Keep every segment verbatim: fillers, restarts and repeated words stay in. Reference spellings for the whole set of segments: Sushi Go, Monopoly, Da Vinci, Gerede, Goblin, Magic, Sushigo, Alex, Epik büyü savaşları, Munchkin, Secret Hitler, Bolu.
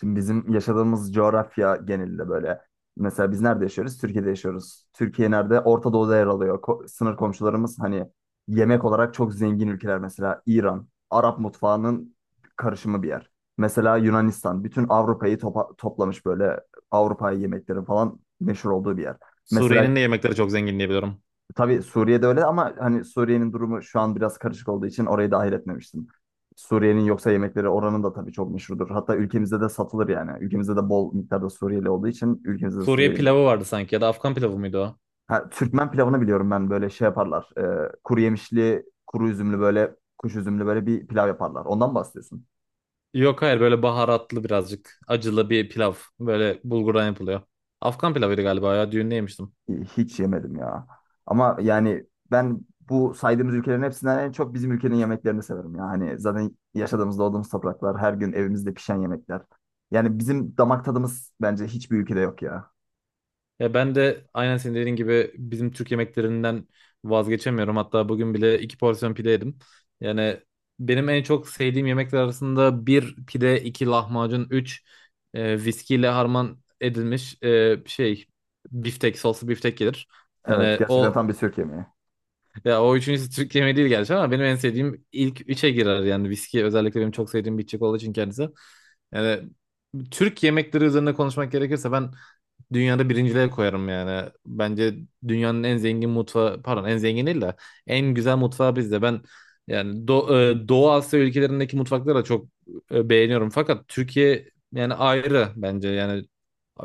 Şimdi bizim yaşadığımız coğrafya genelinde böyle. Mesela biz nerede yaşıyoruz? Türkiye'de yaşıyoruz. Türkiye nerede? Orta Doğu'da yer alıyor. Ko- sınır komşularımız hani yemek olarak çok zengin ülkeler mesela İran, Arap mutfağının karışımı bir yer. Mesela Yunanistan, bütün Avrupa'yı topa- toplamış böyle Avrupa yemeklerin falan meşhur olduğu bir yer. Mesela. Suriye'nin de yemekleri çok zengin diye biliyorum. Tabii Suriye'de öyle ama hani Suriye'nin durumu şu an biraz karışık olduğu için orayı dahil etmemiştim. Suriye'nin yoksa yemekleri oranın da tabii çok meşhurdur. Hatta ülkemizde de satılır yani. Ülkemizde de bol miktarda Suriyeli olduğu için ülkemizde de Suriye Suriyeli. pilavı vardı sanki ya da Afgan pilavı mıydı o? Ha, Türkmen pilavını biliyorum ben böyle şey yaparlar. Ee, kuru yemişli, kuru üzümlü böyle kuş üzümlü böyle bir pilav yaparlar. Ondan mı bahsediyorsun? Yok, hayır, böyle baharatlı, birazcık acılı bir pilav. Böyle bulgurdan yapılıyor. Afgan pilavıydı galiba ya, düğünde yemiştim. Hiç yemedim ya. Ama yani ben bu saydığımız ülkelerin hepsinden en çok bizim ülkenin yemeklerini severim ya. Hani zaten yaşadığımız, doğduğumuz topraklar, her gün evimizde pişen yemekler. Yani bizim damak tadımız bence hiçbir ülkede yok ya. Ya ben de aynen senin dediğin gibi bizim Türk yemeklerinden vazgeçemiyorum. Hatta bugün bile iki porsiyon pide yedim. Yani benim en çok sevdiğim yemekler arasında bir pide, iki lahmacun, üç, e, viskiyle harman edilmiş, e, şey biftek, soslu biftek gelir. Evet, Yani gerçekten o tam bir Türk yemeği. Ya o üçüncüsü Türk yemeği değil gerçi ama benim en sevdiğim ilk üçe girer yani. Viski özellikle benim çok sevdiğim bir içecek olduğu için kendisi. Yani Türk yemekleri üzerine konuşmak gerekirse ben dünyada birinciliğe koyarım yani. Bence dünyanın en zengin mutfağı, pardon, en zengin değil de en güzel mutfağı bizde. Ben yani Do e, Doğu Asya ülkelerindeki mutfakları da çok e, beğeniyorum. Fakat Türkiye yani ayrı bence. Yani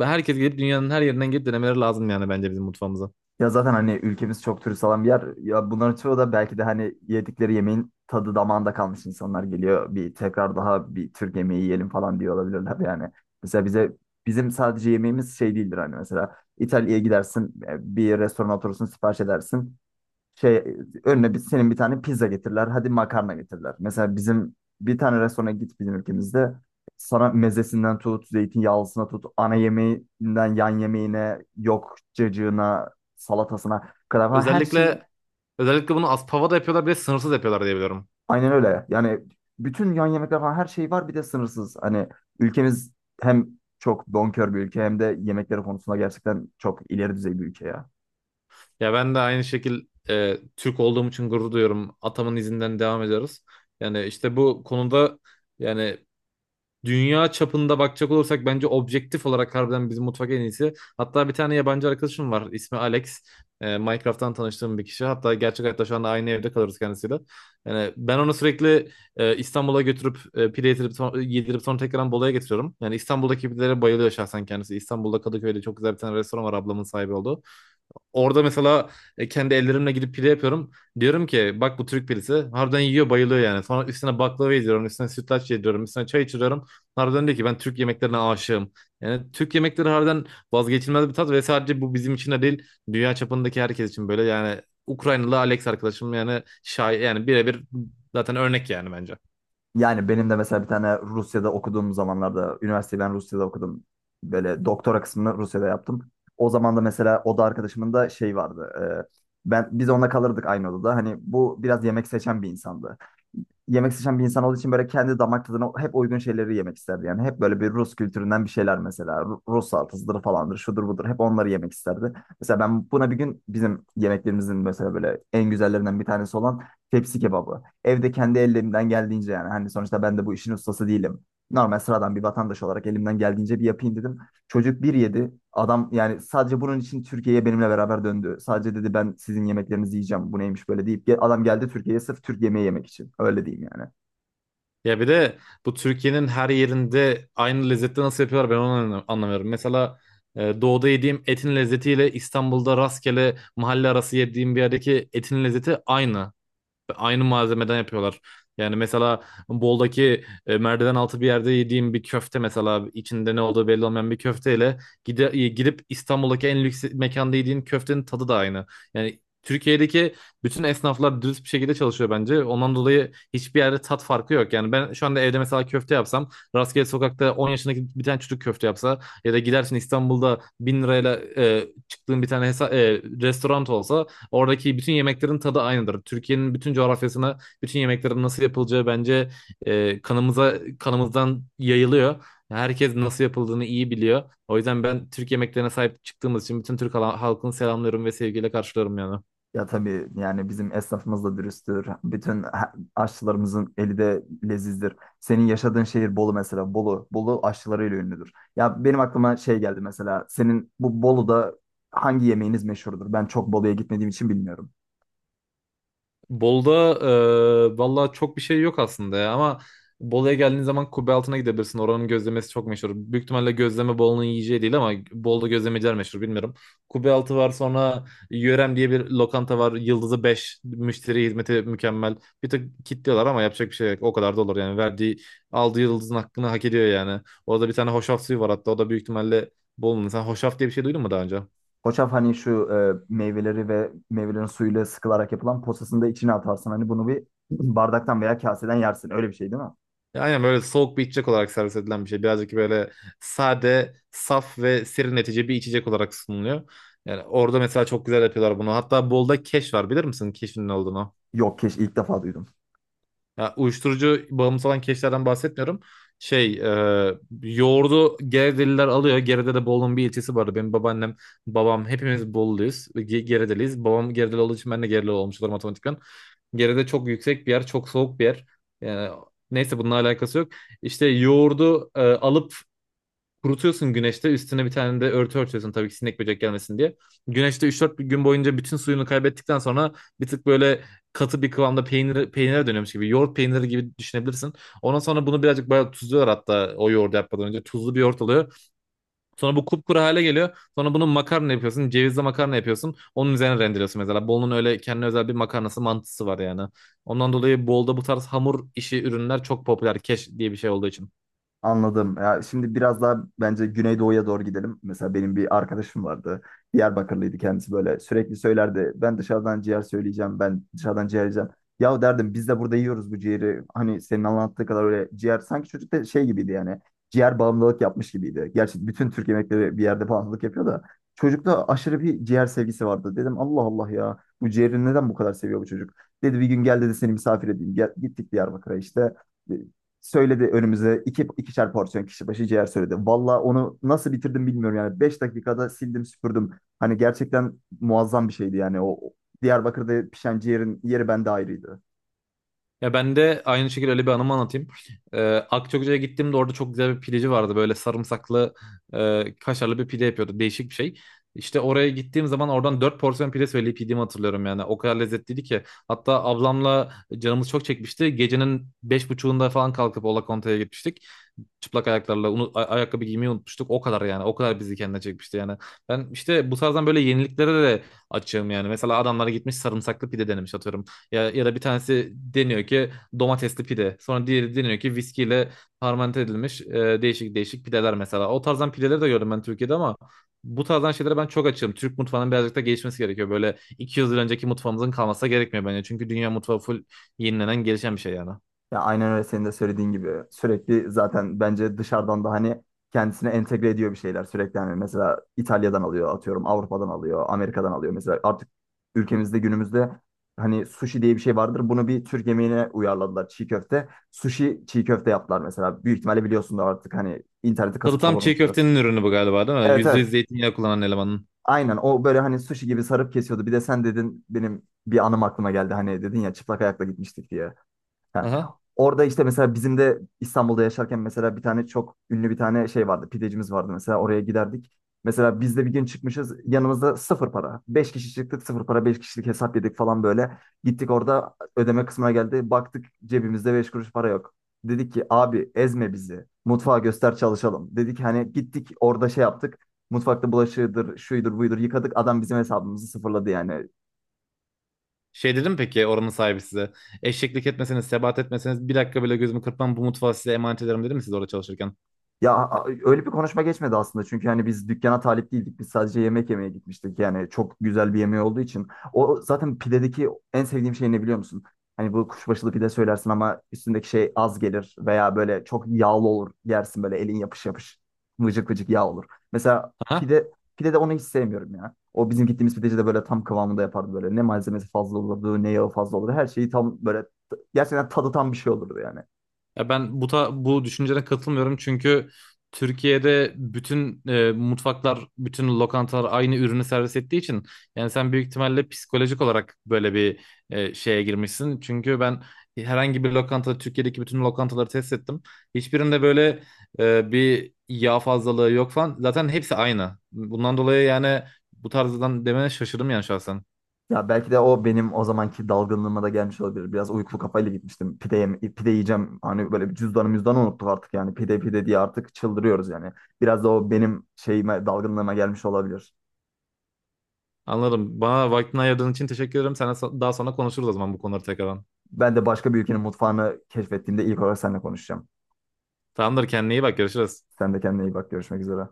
herkes gelip, dünyanın her yerinden gelip denemeleri lazım yani bence bizim mutfağımıza. Ya zaten hani ülkemiz çok turist alan bir yer. Ya bunların çoğu da belki de hani yedikleri yemeğin tadı damağında kalmış insanlar geliyor. Bir tekrar daha bir Türk yemeği yiyelim falan diyor olabilirler yani. Mesela bize bizim sadece yemeğimiz şey değildir hani mesela İtalya'ya gidersin e, bir restorana oturursun sipariş edersin şey önüne bir, senin bir tane pizza getirirler. Hadi makarna getirirler. Mesela bizim bir tane restorana git bizim ülkemizde sana mezesinden tut, zeytinyağlısına tut, ana yemeğinden yan yemeğine, yok cacığına, salatasına kadar falan her şeyi. Özellikle özellikle bunu Aspava'da yapıyorlar, bir de sınırsız yapıyorlar diye biliyorum. Aynen öyle. Yani bütün yan yemekler falan her şey var bir de sınırsız. Hani ülkemiz hem çok bonkör bir ülke hem de yemekleri konusunda gerçekten çok ileri düzey bir ülke ya. Ya ben de aynı şekil e, Türk olduğum için gurur duyuyorum. Atamın izinden devam ediyoruz. Yani işte bu konuda, yani, dünya çapında bakacak olursak bence objektif olarak harbiden bizim mutfak en iyisi. Hatta bir tane yabancı arkadaşım var. İsmi Alex. Ee, Minecraft'tan tanıştığım bir kişi. Hatta gerçek hayatta şu anda aynı evde kalırız kendisiyle. Yani ben onu sürekli e, İstanbul'a götürüp e, pide yedirip, son- yedirip sonra tekrar Bolu'ya getiriyorum. Yani İstanbul'daki pidelere bayılıyor şahsen kendisi. İstanbul'da Kadıköy'de çok güzel bir tane restoran var, ablamın sahibi olduğu. Orada mesela e, kendi ellerimle gidip pide yapıyorum. Diyorum ki bak, bu Türk pidesi. Harbiden yiyor, bayılıyor yani. Sonra üstüne baklava yediriyorum. Üstüne sütlaç yediriyorum. Üstüne çay içiriyorum. Harbiden diyor ki ben Türk yemeklerine aşığım. Yani Türk yemekleri harbiden vazgeçilmez bir tat ve sadece bu bizim için de değil. Dünya çapındaki herkes için böyle. Yani Ukraynalı Alex arkadaşım yani şay yani birebir zaten örnek yani bence. Yani benim de mesela bir tane Rusya'da okuduğum zamanlarda, üniversiteyi ben Rusya'da okudum. Böyle doktora kısmını Rusya'da yaptım. O zaman da mesela oda arkadaşımın da şey vardı. E, ben Biz onunla kalırdık aynı odada. Hani bu biraz yemek seçen bir insandı yemek seçen bir insan olduğu için böyle kendi damak tadına hep uygun şeyleri yemek isterdi. Yani hep böyle bir Rus kültüründen bir şeyler mesela. Ru- Rus salatasıdır falandır, şudur budur. Hep onları yemek isterdi. Mesela ben buna bir gün bizim yemeklerimizin mesela böyle en güzellerinden bir tanesi olan tepsi kebabı. Evde kendi ellerimden geldiğince yani hani sonuçta ben de bu işin ustası değilim. Normal sıradan bir vatandaş olarak elimden geldiğince bir yapayım dedim. Çocuk bir yedi. Adam yani sadece bunun için Türkiye'ye benimle beraber döndü. Sadece dedi ben sizin yemeklerinizi yiyeceğim. Bu neymiş böyle deyip ge- adam geldi Türkiye'ye sırf Türk yemeği yemek için. Öyle diyeyim yani. Ya bir de bu Türkiye'nin her yerinde aynı lezzette nasıl yapıyorlar, ben onu anlam- anlamıyorum. Mesela e, doğuda yediğim etin lezzetiyle İstanbul'da rastgele mahalle arası yediğim bir yerdeki etin lezzeti aynı. Aynı malzemeden yapıyorlar. Yani mesela Bol'daki e, merdiven altı bir yerde yediğim bir köfte, mesela içinde ne olduğu belli olmayan bir köfteyle gide, e, gidip İstanbul'daki en lüks mekanda yediğin köftenin tadı da aynı. Yani Türkiye'deki bütün esnaflar dürüst bir şekilde çalışıyor bence. Ondan dolayı hiçbir yerde tat farkı yok. Yani ben şu anda evde mesela köfte yapsam, rastgele sokakta on yaşındaki bir tane çocuk köfte yapsa ya da gidersin İstanbul'da bin lirayla e, çıktığın bir tane hesa- e, restoran olsa, oradaki bütün yemeklerin tadı aynıdır. Türkiye'nin bütün coğrafyasına bütün yemeklerin nasıl yapılacağı bence e, kanımıza, kanımızdan yayılıyor. Herkes nasıl yapıldığını iyi biliyor. O yüzden ben Türk yemeklerine sahip çıktığımız için bütün Türk hala- halkını selamlıyorum ve sevgiyle karşılıyorum yani. Ya tabii yani bizim esnafımız da dürüsttür. Bütün ha- aşçılarımızın eli de lezizdir. Senin yaşadığın şehir Bolu mesela. Bolu, Bolu aşçılarıyla ünlüdür. Ya benim aklıma şey geldi mesela. Senin bu Bolu'da hangi yemeğiniz meşhurdur? Ben çok Bolu'ya gitmediğim için bilmiyorum. Bol'da e, valla çok bir şey yok aslında ya, ama Bolu'ya geldiğin zaman Kubbe Altı'na gidebilirsin. Oranın gözlemesi çok meşhur. Büyük ihtimalle gözleme Bolu'nun yiyeceği değil ama Bolu'da gözlemeciler meşhur, bilmiyorum. Kubbe Altı var, sonra Yörem diye bir lokanta var. Yıldızı beş, müşteri hizmeti mükemmel. Bir tık kitliyorlar ama yapacak bir şey yok. O kadar da olur yani. Verdiği, aldığı yıldızın hakkını hak ediyor yani. Orada bir tane hoşaf suyu var, hatta o da büyük ihtimalle Bolu'nun. Sen hoşaf diye bir şey duydun mu daha önce? Koçaf hani şu e, meyveleri ve meyvelerin suyuyla sıkılarak yapılan posasını da içine atarsın. Hani bunu bir bardaktan veya kaseden yersin. Öyle bir şey değil mi? Aynen, böyle soğuk bir içecek olarak servis edilen bir şey. Birazcık böyle sade, saf ve serinletici bir içecek olarak sunuluyor. Yani orada mesela çok güzel yapıyorlar bunu. Hatta Bolda keş var, bilir misin keşin ne olduğunu? Yok, keş ilk defa duydum. Ya, uyuşturucu bağımlısı olan keşlerden bahsetmiyorum. Şey, e, Yoğurdu Geredeliler alıyor. Gerede'de Bolu'nun bir ilçesi vardı. Benim babaannem, babam hepimiz Bolulu'yuz. Ge- Geredeliyiz. Babam Geredeli olduğu için ben de Geredeli olmuş olurum otomatikman. Gerede çok yüksek bir yer, çok soğuk bir yer. Yani, neyse, bununla alakası yok. İşte yoğurdu e, alıp kurutuyorsun güneşte, üstüne bir tane de örtü örtüyorsun tabii ki, sinek böcek gelmesin diye. Güneşte üç dört gün boyunca bütün suyunu kaybettikten sonra bir tık böyle katı bir kıvamda peynir, peynire dönüyormuş gibi. Yoğurt peyniri gibi düşünebilirsin. Ondan sonra bunu birazcık bayağı tuzluyorlar, hatta o yoğurdu yapmadan önce. Tuzlu bir yoğurt oluyor. Sonra bu kupkuru hale geliyor. Sonra bunu makarna yapıyorsun. Cevizli makarna yapıyorsun. Onun üzerine rendeliyorsun mesela. Bolu'nun öyle kendine özel bir makarnası, mantısı var yani. Ondan dolayı Bolu'da bu tarz hamur işi ürünler çok popüler, keş diye bir şey olduğu için. Anladım. Ya şimdi biraz daha bence Güneydoğu'ya doğru gidelim. Mesela benim bir arkadaşım vardı. Diyarbakırlıydı kendisi böyle. Sürekli söylerdi. Ben dışarıdan ciğer söyleyeceğim. Ben dışarıdan ciğer yiyeceğim. Ya derdim biz de burada yiyoruz bu ciğeri. Hani senin anlattığı kadar öyle ciğer. Sanki çocuk da şey gibiydi yani. Ciğer bağımlılık yapmış gibiydi. Gerçi bütün Türk yemekleri bir yerde bağımlılık yapıyor da. Çocukta aşırı bir ciğer sevgisi vardı. Dedim Allah Allah ya. Bu ciğeri neden bu kadar seviyor bu çocuk? Dedi bir gün gel dedi seni misafir edeyim. Gel, gittik Diyarbakır'a işte söyledi önümüze iki, ikişer porsiyon kişi başı ciğer söyledi. Valla onu nasıl bitirdim bilmiyorum yani. Beş dakikada sildim süpürdüm. Hani gerçekten muazzam bir şeydi yani. O Diyarbakır'da pişen ciğerin yeri bende ayrıydı. Ya ben de aynı şekilde öyle bir anımı anlatayım. Ee, Akçakoca'ya gittiğimde orada çok güzel bir pideci vardı. Böyle sarımsaklı, e, kaşarlı bir pide yapıyordu. Değişik bir şey. İşte oraya gittiğim zaman oradan dört porsiyon pide söyleyip yediğimi hatırlıyorum yani. O kadar lezzetliydi ki. Hatta ablamla canımız çok çekmişti. Gecenin beş otuzunda falan kalkıp Ola Conta'ya gitmiştik, çıplak ayaklarla, unu- a- ayakkabı giymeyi unutmuştuk. O kadar yani. O kadar bizi kendine çekmişti yani. Ben işte bu tarzdan böyle yeniliklere de açığım yani. Mesela adamlara gitmiş sarımsaklı pide denemiş atıyorum. Ya, ya da bir tanesi deniyor ki domatesli pide. Sonra diğeri deniyor ki viskiyle fermente edilmiş, e, değişik değişik pideler mesela. O tarzdan pideleri de gördüm ben Türkiye'de ama bu tarzdan şeylere ben çok açığım. Türk mutfağının birazcık da gelişmesi gerekiyor. Böyle iki yüz yıl önceki mutfağımızın kalması gerekmiyor bence. Çünkü dünya mutfağı full yenilenen, gelişen bir şey yani. Ya aynen öyle senin de söylediğin gibi sürekli zaten bence dışarıdan da hani kendisine entegre ediyor bir şeyler sürekli hani mesela İtalya'dan alıyor atıyorum Avrupa'dan alıyor Amerika'dan alıyor mesela artık ülkemizde günümüzde hani sushi diye bir şey vardır bunu bir Türk yemeğine uyarladılar çiğ köfte sushi çiğ köfte yaptılar mesela büyük ihtimalle biliyorsun da artık hani interneti kasıp Salatam çiğ kavurmuştu. köftenin ürünü bu galiba, değil mi? Evet, Yüzde evet, yüz zeytinyağı kullanan elemanın. aynen o böyle hani sushi gibi sarıp kesiyordu bir de sen dedin benim bir anım aklıma geldi hani dedin ya çıplak ayakla gitmiştik diye. Ha. Aha. Orada işte mesela bizim de İstanbul'da yaşarken mesela bir tane çok ünlü bir tane şey vardı. Pidecimiz vardı mesela oraya giderdik. Mesela biz de bir gün çıkmışız yanımızda sıfır para. Beş kişi çıktık sıfır para beş kişilik hesap yedik falan böyle. Gittik orada ödeme kısmına geldi. Baktık cebimizde beş kuruş para yok. Dedik ki abi ezme bizi. Mutfağa göster çalışalım. Dedik hani gittik orada şey yaptık. Mutfakta bulaşığıdır, şuydur, buydur yıkadık. Adam bizim hesabımızı sıfırladı yani. Şey dedim, peki oranın sahibi size, eşeklik etmeseniz, sebat etmeseniz bir dakika bile gözümü kırpmam, bu mutfağı size emanet ederim dedim mi siz orada çalışırken? Ya a- öyle bir konuşma geçmedi aslında çünkü hani biz dükkana talip değildik. Biz sadece yemek yemeye gitmiştik. Yani çok güzel bir yemeği olduğu için. O zaten pidedeki en sevdiğim şey ne biliyor musun? Hani bu kuşbaşılı pide söylersin ama üstündeki şey az gelir veya böyle çok yağlı olur. Yersin böyle elin yapış yapış. Vıcık vıcık yağ olur. Mesela Aha. pide pide de onu hiç sevmiyorum ya. O bizim gittiğimiz pideci de böyle tam kıvamında yapardı böyle. Ne malzemesi fazla olurdu, ne yağı fazla olurdu. Her şeyi tam böyle gerçekten tadı tam bir şey olurdu yani. Ya ben bu ta- bu düşüncene katılmıyorum çünkü Türkiye'de bütün e, mutfaklar, bütün lokantalar aynı ürünü servis ettiği için, yani sen büyük ihtimalle psikolojik olarak böyle bir e, şeye girmişsin. Çünkü ben herhangi bir lokanta, Türkiye'deki bütün lokantaları test ettim. Hiçbirinde böyle e, bir yağ fazlalığı yok falan. Zaten hepsi aynı. Bundan dolayı yani bu tarzdan demene şaşırdım yani şahsen. Ya belki de o benim o zamanki dalgınlığıma da gelmiş olabilir. Biraz uykulu kafayla gitmiştim. Pide, yem- pide yiyeceğim. Hani böyle bir cüzdanı müzdanı unuttuk artık yani. Pide pide diye artık çıldırıyoruz yani. Biraz da o benim şeyime, dalgınlığıma gelmiş olabilir. Anladım. Bana vaktini ayırdığın için teşekkür ederim. Sana daha sonra konuşuruz o zaman bu konuları tekrardan. Ben de başka bir ülkenin mutfağını keşfettiğimde ilk olarak seninle konuşacağım. Tamamdır, kendine iyi bak, görüşürüz. Sen de kendine iyi bak. Görüşmek üzere.